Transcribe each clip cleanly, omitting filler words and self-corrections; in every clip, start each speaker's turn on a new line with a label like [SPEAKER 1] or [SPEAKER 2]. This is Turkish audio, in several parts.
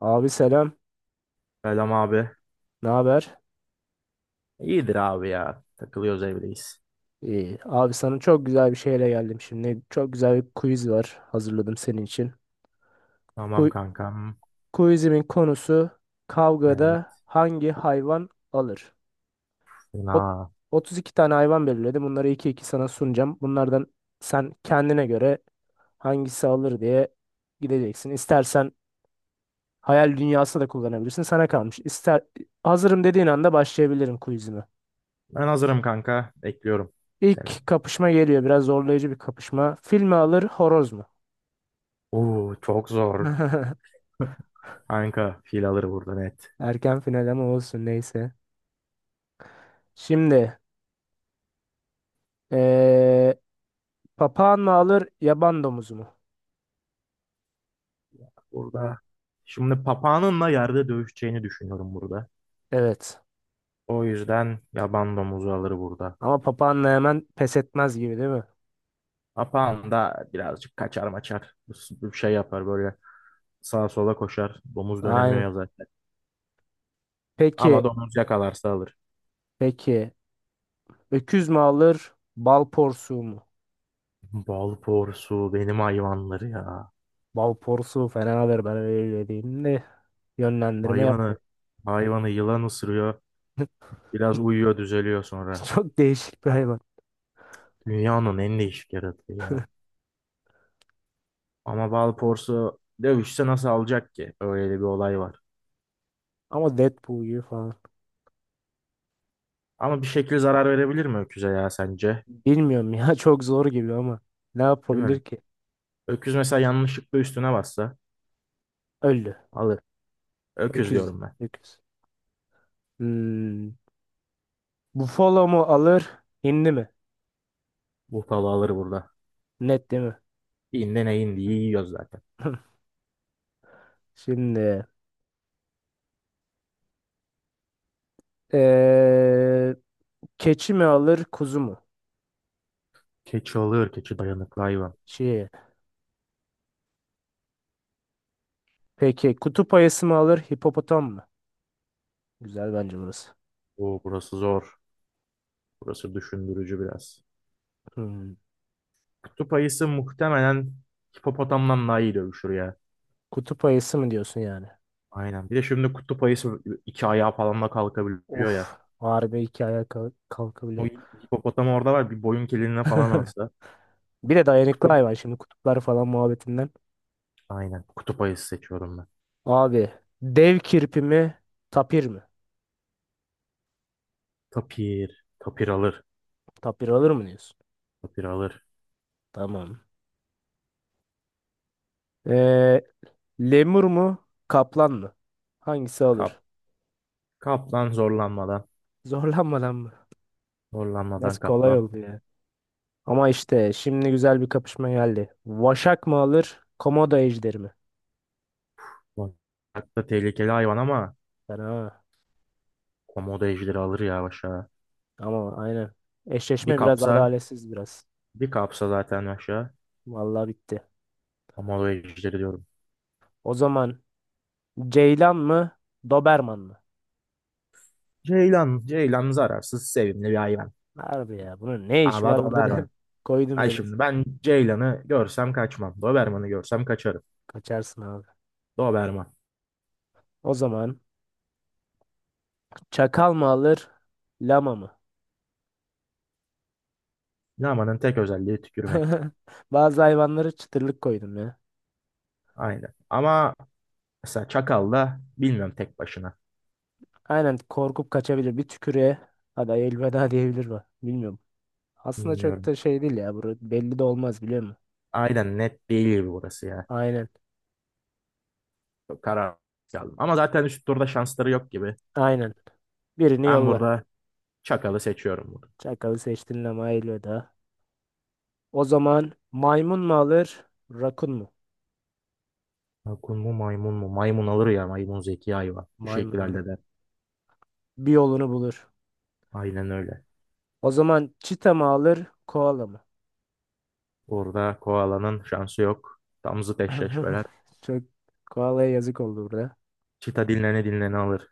[SPEAKER 1] Abi selam.
[SPEAKER 2] Selam abi.
[SPEAKER 1] Ne haber?
[SPEAKER 2] İyidir abi ya. Takılıyoruz evdeyiz.
[SPEAKER 1] İyi. Abi sana çok güzel bir şeyle geldim şimdi. Çok güzel bir quiz var. Hazırladım senin için.
[SPEAKER 2] Tamam
[SPEAKER 1] Ku-
[SPEAKER 2] kankam.
[SPEAKER 1] Quizimin konusu kavgada
[SPEAKER 2] Evet.
[SPEAKER 1] hangi hayvan alır? Ot-
[SPEAKER 2] Fena.
[SPEAKER 1] 32 tane hayvan belirledim. Bunları iki iki sana sunacağım. Bunlardan sen kendine göre hangisi alır diye gideceksin. İstersen hayal dünyası da kullanabilirsin. Sana kalmış. İster hazırım dediğin anda başlayabilirim quizime.
[SPEAKER 2] Ben hazırım kanka. Bekliyorum
[SPEAKER 1] İlk
[SPEAKER 2] seni.
[SPEAKER 1] kapışma geliyor. Biraz zorlayıcı bir kapışma. Fil mi alır, horoz mu?
[SPEAKER 2] Oo, çok zor. Kanka fil alır burada, net.
[SPEAKER 1] Erken final ama olsun neyse. Şimdi eee papağan mı alır, yaban domuzu mu?
[SPEAKER 2] Burada. Şimdi papağanınla yerde dövüşeceğini düşünüyorum burada.
[SPEAKER 1] Evet.
[SPEAKER 2] O yüzden yaban domuzu alır burada.
[SPEAKER 1] Ama papağanla hemen pes etmez gibi değil mi?
[SPEAKER 2] Papağan da birazcık kaçar maçar. Bir şey yapar böyle, sağa sola koşar. Domuz dönemiyor
[SPEAKER 1] Aynen.
[SPEAKER 2] ya zaten.
[SPEAKER 1] Peki,
[SPEAKER 2] Ama domuz yakalarsa alır.
[SPEAKER 1] peki. Öküz mü alır, bal porsuğu mu?
[SPEAKER 2] Bal porsu benim hayvanları ya.
[SPEAKER 1] Bal porsuğu fena alır ben öyle diyeyim de yönlendirme
[SPEAKER 2] Hayvanı,
[SPEAKER 1] yapmayın.
[SPEAKER 2] hayvanı yılan ısırıyor. Biraz uyuyor, düzeliyor sonra.
[SPEAKER 1] Çok değişik bir hayvan.
[SPEAKER 2] Dünyanın en değişik yaratığı ya. Ama Balporsu dövüşse nasıl alacak ki? Öyle bir olay var.
[SPEAKER 1] Ama Deadpool gibi falan.
[SPEAKER 2] Ama bir şekilde zarar verebilir mi öküze ya sence?
[SPEAKER 1] Bilmiyorum ya çok zor gibi ama ne
[SPEAKER 2] Değil
[SPEAKER 1] yapabilir
[SPEAKER 2] mi?
[SPEAKER 1] ki?
[SPEAKER 2] Öküz mesela yanlışlıkla üstüne bassa
[SPEAKER 1] Öldü.
[SPEAKER 2] alır. Öküz
[SPEAKER 1] Öküz.
[SPEAKER 2] diyorum ben.
[SPEAKER 1] Öküz. Hmm. Buffalo mu alır? Hindi mi?
[SPEAKER 2] Buffalo alır burada.
[SPEAKER 1] Net değil mi?
[SPEAKER 2] İğne neyin diye yiyoruz zaten.
[SPEAKER 1] Şimdi. Ee, keçi mi alır? Kuzu mu?
[SPEAKER 2] Keçi alır. Keçi dayanıklı hayvan.
[SPEAKER 1] Şey. Peki kutup ayısı mı alır? Hipopotam mı? Güzel bence burası.
[SPEAKER 2] Oo, burası zor. Burası düşündürücü biraz.
[SPEAKER 1] Hmm.
[SPEAKER 2] Kutup ayısı muhtemelen hipopotamdan daha iyi dövüşür ya.
[SPEAKER 1] Kutup ayısı mı diyorsun yani?
[SPEAKER 2] Aynen. Bir de şimdi kutup ayısı iki ayağı falan da kalkabiliyor
[SPEAKER 1] Of.
[SPEAKER 2] ya.
[SPEAKER 1] Harbi iki ayağa
[SPEAKER 2] O
[SPEAKER 1] kalkabiliyor.
[SPEAKER 2] hipopotam orada var. Bir boyun keliğine falan alsa.
[SPEAKER 1] Bir de dayanıklı
[SPEAKER 2] Kutup.
[SPEAKER 1] hayvan şimdi kutuplar falan muhabbetinden.
[SPEAKER 2] Aynen. Kutup ayısı seçiyorum ben.
[SPEAKER 1] Abi dev kirpi mi tapir mi?
[SPEAKER 2] Tapir. Tapir alır.
[SPEAKER 1] Tapir alır mı diyorsun?
[SPEAKER 2] Tapir alır.
[SPEAKER 1] Tamam. Lemur mu? Kaplan mı? Hangisi
[SPEAKER 2] Kap.
[SPEAKER 1] olur?
[SPEAKER 2] Kaplan zorlanmadan.
[SPEAKER 1] Zorlanmadan mı? Biraz
[SPEAKER 2] Zorlanmadan
[SPEAKER 1] kolay
[SPEAKER 2] kaplan.
[SPEAKER 1] oldu ya. Ama işte şimdi güzel bir kapışma geldi. Vaşak mı alır? Komodo ejderi mi?
[SPEAKER 2] Hatta tehlikeli hayvan ama
[SPEAKER 1] Fena.
[SPEAKER 2] komodo ejderi alır ya aşağı.
[SPEAKER 1] Ama aynen.
[SPEAKER 2] Bir
[SPEAKER 1] Eşleşme biraz
[SPEAKER 2] kapsa.
[SPEAKER 1] adaletsiz biraz.
[SPEAKER 2] Bir kapsa zaten aşağı.
[SPEAKER 1] Vallahi bitti.
[SPEAKER 2] Komodo ejderi diyorum.
[SPEAKER 1] O zaman Ceylan mı? Doberman mı?
[SPEAKER 2] Ceylan. Ceylan zararsız, sevimli bir hayvan.
[SPEAKER 1] Harbi ya. Bunun ne işi
[SPEAKER 2] Ama
[SPEAKER 1] var burada
[SPEAKER 2] donar.
[SPEAKER 1] de koydum
[SPEAKER 2] Ay
[SPEAKER 1] öyle.
[SPEAKER 2] şimdi ben Ceylan'ı görsem kaçmam. Doberman'ı görsem kaçarım.
[SPEAKER 1] Kaçarsın abi.
[SPEAKER 2] Doberman.
[SPEAKER 1] O zaman çakal mı alır? Lama mı?
[SPEAKER 2] Lamanın tek özelliği tükürmek.
[SPEAKER 1] Bazı hayvanları çıtırlık koydum ya.
[SPEAKER 2] Aynen. Ama mesela Çakal da bilmiyorum tek başına.
[SPEAKER 1] Aynen korkup kaçabilir. Bir tükürüğe hadi elveda diyebilir mi? Bilmiyorum. Aslında çok
[SPEAKER 2] Bilmiyorum.
[SPEAKER 1] da şey değil ya. Burada belli de olmaz biliyor musun?
[SPEAKER 2] Aynen net değil gibi burası ya.
[SPEAKER 1] Aynen.
[SPEAKER 2] Çok karar aldım. Ama zaten üst turda şansları yok gibi.
[SPEAKER 1] Aynen. Birini
[SPEAKER 2] Ben
[SPEAKER 1] yolla.
[SPEAKER 2] burada Çakal'ı seçiyorum burada.
[SPEAKER 1] Çakalı seçtin ama elveda. O zaman maymun mu alır? Rakun mu?
[SPEAKER 2] Akun mu maymun mu? Maymun alır ya. Maymun zeki hayvan. Bu
[SPEAKER 1] Maymun
[SPEAKER 2] şekilde
[SPEAKER 1] alır.
[SPEAKER 2] halleder.
[SPEAKER 1] Bir yolunu bulur.
[SPEAKER 2] Aynen öyle.
[SPEAKER 1] O zaman çita mı alır? Koala mı?
[SPEAKER 2] Burada koalanın şansı yok. Tam zıt eşleşmeler.
[SPEAKER 1] Çok koalaya yazık oldu burada.
[SPEAKER 2] Çita dinlene dinlene alır.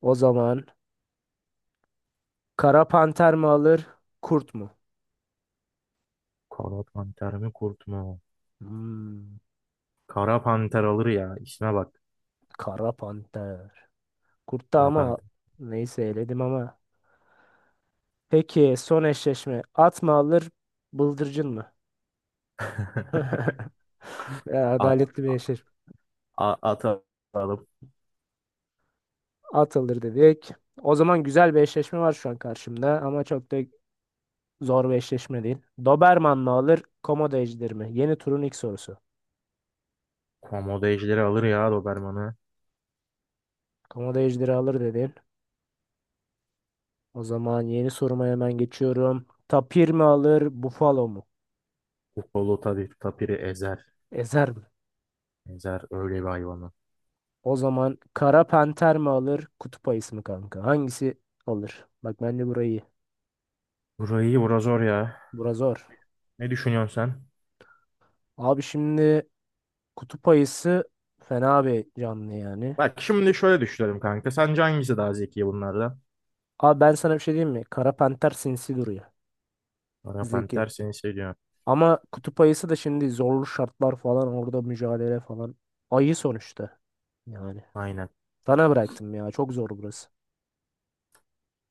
[SPEAKER 1] O zaman kara panter mi alır? Kurt mu?
[SPEAKER 2] Kanat panter mi kurt mu?
[SPEAKER 1] Hmm,
[SPEAKER 2] Kara panter alır ya. İsme bak.
[SPEAKER 1] kara panter. Kurtta
[SPEAKER 2] Kara
[SPEAKER 1] ama
[SPEAKER 2] panter.
[SPEAKER 1] neyse eledim ama. Peki son eşleşme. At mı alır, bıldırcın mı? Ya,
[SPEAKER 2] At,
[SPEAKER 1] adaletli bir eşleşme.
[SPEAKER 2] a, at alalım.
[SPEAKER 1] At alır dedik. O zaman güzel bir eşleşme var şu an karşımda ama çok da zor bir eşleşme değil. Doberman mı alır, Komodo ejderi mi? Yeni turun ilk sorusu.
[SPEAKER 2] Komodo ejderi alır ya Doberman'ı.
[SPEAKER 1] Komodo ejderi alır dedin. O zaman yeni soruma hemen geçiyorum. Tapir mi alır, Buffalo mu?
[SPEAKER 2] Kupolu tabii tapiri ezer.
[SPEAKER 1] Ezer mi?
[SPEAKER 2] Ezer öyle bir hayvanı.
[SPEAKER 1] O zaman Kara Panter mi alır, Kutup Ayısı mı kanka? Hangisi alır? Bak bence burayı
[SPEAKER 2] Burayı bura zor ya.
[SPEAKER 1] bura zor.
[SPEAKER 2] Ne düşünüyorsun sen?
[SPEAKER 1] Abi şimdi kutup ayısı fena bir canlı yani.
[SPEAKER 2] Bak şimdi şöyle düşünelim kanka. Sence hangisi daha zeki bunlardan?
[SPEAKER 1] Abi ben sana bir şey diyeyim mi? Kara panter sinsi duruyor.
[SPEAKER 2] Kara
[SPEAKER 1] Zeki.
[SPEAKER 2] panter seni seviyor.
[SPEAKER 1] Ama kutup ayısı da şimdi zorlu şartlar falan orada mücadele falan. Ayı sonuçta. Yani.
[SPEAKER 2] Aynen.
[SPEAKER 1] Sana bıraktım ya. Çok zor burası.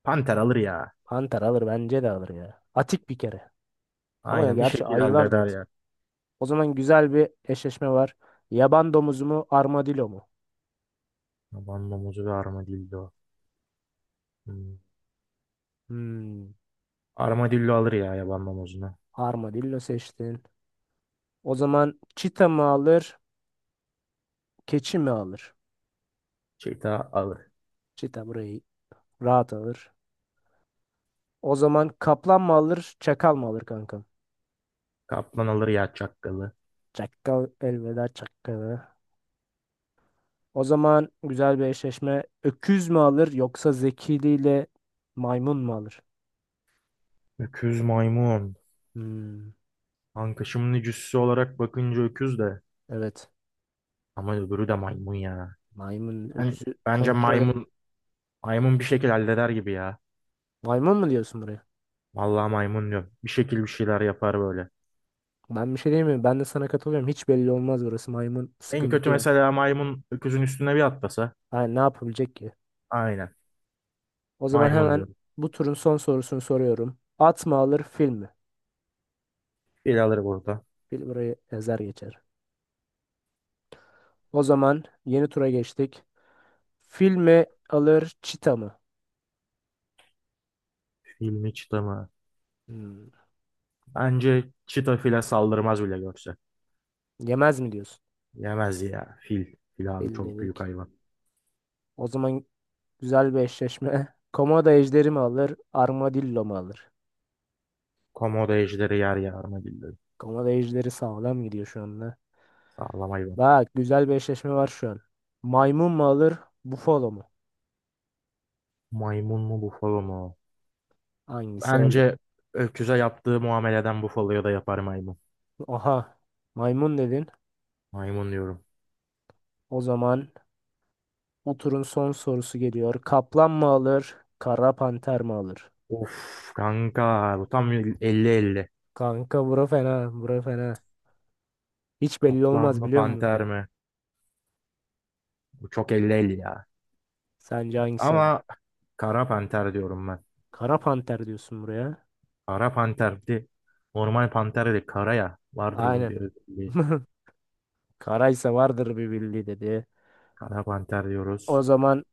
[SPEAKER 2] Panter alır ya.
[SPEAKER 1] Panter alır bence de alır ya. Atik bir kere. Ama ya
[SPEAKER 2] Aynen bir
[SPEAKER 1] gerçi
[SPEAKER 2] şekilde
[SPEAKER 1] ayılar da
[SPEAKER 2] halleder
[SPEAKER 1] atik.
[SPEAKER 2] ya.
[SPEAKER 1] O zaman güzel bir eşleşme var. Yaban domuzu mu armadillo mu?
[SPEAKER 2] Yaban mamuzu ve armadillo. Hmm.
[SPEAKER 1] Hmm.
[SPEAKER 2] Armadillo alır ya yaban mamuzunu.
[SPEAKER 1] Armadillo seçtin. O zaman çita mı alır? Keçi mi alır?
[SPEAKER 2] Çita alır.
[SPEAKER 1] Çita burayı rahat alır. O zaman kaplan mı alır? Çakal mı alır kankam?
[SPEAKER 2] Kaplan alır ya çakkalı.
[SPEAKER 1] Çakal elveda çakala. O zaman güzel bir eşleşme. Öküz mü alır yoksa zekiliyle maymun mu alır?
[SPEAKER 2] Öküz maymun.
[SPEAKER 1] Hmm,
[SPEAKER 2] Kanka şimdi cüssü olarak bakınca öküz de.
[SPEAKER 1] evet.
[SPEAKER 2] Ama öbürü de maymun ya.
[SPEAKER 1] Maymun
[SPEAKER 2] Ben,
[SPEAKER 1] öküzü
[SPEAKER 2] bence
[SPEAKER 1] kontrol eder.
[SPEAKER 2] maymun maymun bir şekilde halleder gibi ya.
[SPEAKER 1] Maymun mu diyorsun buraya?
[SPEAKER 2] Vallahi maymun diyorum. Bir şekil bir şeyler yapar böyle.
[SPEAKER 1] Ben bir şey diyemiyorum. Ben de sana katılıyorum. Hiç belli olmaz burası. Maymun
[SPEAKER 2] En
[SPEAKER 1] sıkıntı
[SPEAKER 2] kötü
[SPEAKER 1] yani.
[SPEAKER 2] mesela maymun öküzün üstüne bir atlasa.
[SPEAKER 1] Yani ne yapabilecek ki?
[SPEAKER 2] Aynen.
[SPEAKER 1] O zaman
[SPEAKER 2] Maymun
[SPEAKER 1] hemen
[SPEAKER 2] diyorum.
[SPEAKER 1] bu turun son sorusunu soruyorum. At mı alır fil mi?
[SPEAKER 2] Fil alır burada.
[SPEAKER 1] Fil burayı ezer geçer. O zaman yeni tura geçtik. Fil mi alır, çita mı?
[SPEAKER 2] Fil mi çita mı?
[SPEAKER 1] Hmm,
[SPEAKER 2] Bence çita file saldırmaz bile görse.
[SPEAKER 1] yemez mi diyorsun?
[SPEAKER 2] Yemez ya. Fil. Fil abi
[SPEAKER 1] Fil
[SPEAKER 2] çok büyük
[SPEAKER 1] dedik.
[SPEAKER 2] hayvan.
[SPEAKER 1] O zaman güzel bir eşleşme. Komodo ejderi mi alır, armadillo mu alır?
[SPEAKER 2] Komodo ejderi yer ya armadillo.
[SPEAKER 1] Komodo ejderi sağlam gidiyor şu anda.
[SPEAKER 2] Sağlam hayvan.
[SPEAKER 1] Bak güzel bir eşleşme var şu an. Maymun mu alır, bufalo mu?
[SPEAKER 2] Maymun mu bufalo mu?
[SPEAKER 1] Hangisi alır?
[SPEAKER 2] Bence öküze yaptığı muameleden Buffalo'ya da yapar maymun.
[SPEAKER 1] Aha, maymun dedin.
[SPEAKER 2] Maymun diyorum.
[SPEAKER 1] O zaman bu turun son sorusu geliyor. Kaplan mı alır, kara panter mi alır?
[SPEAKER 2] Of kanka bu tam 50-50.
[SPEAKER 1] Kanka bura fena, bura fena. Hiç belli
[SPEAKER 2] Kaplan
[SPEAKER 1] olmaz
[SPEAKER 2] mı
[SPEAKER 1] biliyor musun?
[SPEAKER 2] panter mi? Bu çok 50-50 ya.
[SPEAKER 1] Sence hangisi alır?
[SPEAKER 2] Ama kara panter diyorum ben.
[SPEAKER 1] Kara panter diyorsun buraya.
[SPEAKER 2] Kara panter bir de normal panter değil kara ya. Vardır bunun
[SPEAKER 1] Aynen.
[SPEAKER 2] bir özelliği.
[SPEAKER 1] Karaysa vardır bir bildiği dedi.
[SPEAKER 2] Kara panter
[SPEAKER 1] O
[SPEAKER 2] diyoruz.
[SPEAKER 1] zaman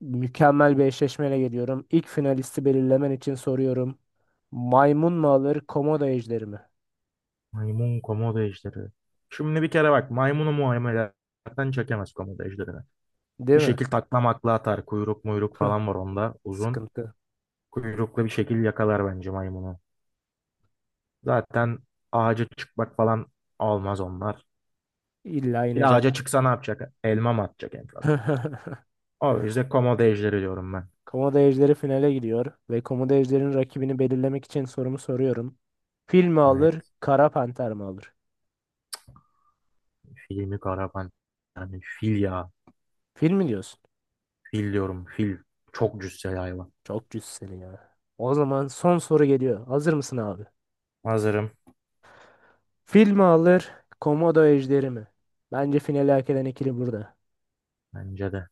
[SPEAKER 1] mükemmel bir eşleşmeyle geliyorum. İlk finalisti belirlemen için soruyorum. Maymun mu alır, komodo ejderi mi?
[SPEAKER 2] Maymun komodo ejderi. Şimdi bir kere bak maymunu muameleden çekemez komodo ejderini.
[SPEAKER 1] Değil
[SPEAKER 2] Bir
[SPEAKER 1] mi?
[SPEAKER 2] şekil taklamakla atar. Kuyruk muyruk falan var onda uzun.
[SPEAKER 1] Sıkıntı.
[SPEAKER 2] Kuyruklu bir şekil yakalar bence maymunu. Zaten ağaca çıkmak falan olmaz onlar.
[SPEAKER 1] İlla
[SPEAKER 2] Bir de
[SPEAKER 1] ineceğim.
[SPEAKER 2] ağaca çıksa ne yapacak? Elma mı atacak en fazla? O yüzden komodo ejderi diyorum ben.
[SPEAKER 1] Komodo ejderi finale gidiyor ve komodo ejderinin rakibini belirlemek için sorumu soruyorum. Fil mi
[SPEAKER 2] Evet.
[SPEAKER 1] alır, kara panter mi alır?
[SPEAKER 2] Filmi Karaman. Yani fil ya.
[SPEAKER 1] Fil mi diyorsun?
[SPEAKER 2] Fil diyorum. Fil. Çok cüsseli hayvan.
[SPEAKER 1] Çok cüz seni ya. O zaman son soru geliyor. Hazır mısın abi?
[SPEAKER 2] Hazırım.
[SPEAKER 1] Fil mi alır, komodo ejderi mi? Bence finali hak eden ikili burada.
[SPEAKER 2] Bence de.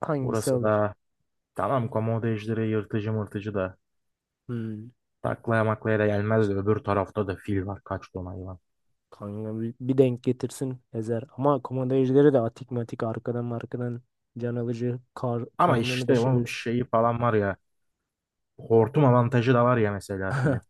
[SPEAKER 1] Hangisi
[SPEAKER 2] Burası
[SPEAKER 1] alır?
[SPEAKER 2] da tamam komodo ejderi yırtıcı mırtıcı da.
[SPEAKER 1] Hmm.
[SPEAKER 2] Taklaya maklaya da gelmez de öbür tarafta da fil var. Kaç ton hayvan.
[SPEAKER 1] Kanka bir denk getirsin ezer. Ama komodo ejderi de atik matik arkadan markadan can alıcı
[SPEAKER 2] Ama
[SPEAKER 1] karnını
[SPEAKER 2] işte onun
[SPEAKER 1] deşebilir.
[SPEAKER 2] şeyi falan var ya. Hortum avantajı da var ya mesela filin.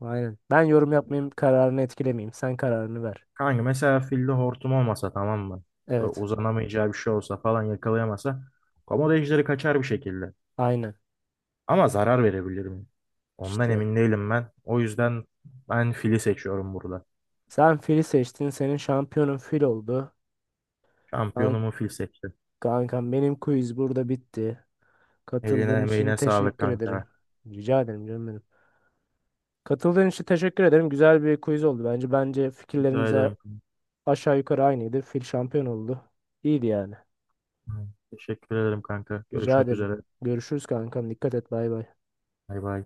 [SPEAKER 1] Aynen. Ben yorum yapmayayım, kararını etkilemeyeyim. Sen kararını ver.
[SPEAKER 2] Kanka mesela filde hortum olmasa tamam mı? Böyle
[SPEAKER 1] Evet.
[SPEAKER 2] uzanamayacağı bir şey olsa falan yakalayamasa komodo ejderi kaçar bir şekilde.
[SPEAKER 1] Aynen.
[SPEAKER 2] Ama zarar verebilir mi? Ondan
[SPEAKER 1] İşte.
[SPEAKER 2] emin değilim ben. O yüzden ben fili seçiyorum burada.
[SPEAKER 1] Sen fili seçtin, senin şampiyonun fil oldu. Kan-
[SPEAKER 2] Şampiyonumu fil seçtim.
[SPEAKER 1] Kankam benim quiz burada bitti.
[SPEAKER 2] Eline
[SPEAKER 1] Katıldığın için
[SPEAKER 2] emeğine sağlık
[SPEAKER 1] teşekkür
[SPEAKER 2] kanka.
[SPEAKER 1] ederim. Rica ederim canım benim. Katıldığın için teşekkür ederim. Güzel bir quiz oldu bence. Bence
[SPEAKER 2] Rica
[SPEAKER 1] fikirlerimiz
[SPEAKER 2] ederim kanka.
[SPEAKER 1] aşağı yukarı aynıydı. Fil şampiyon oldu. İyiydi yani.
[SPEAKER 2] Teşekkür ederim kanka.
[SPEAKER 1] Rica
[SPEAKER 2] Görüşmek
[SPEAKER 1] ederim.
[SPEAKER 2] üzere.
[SPEAKER 1] Görüşürüz kankam. Dikkat et. Bay bay.
[SPEAKER 2] Bay bay.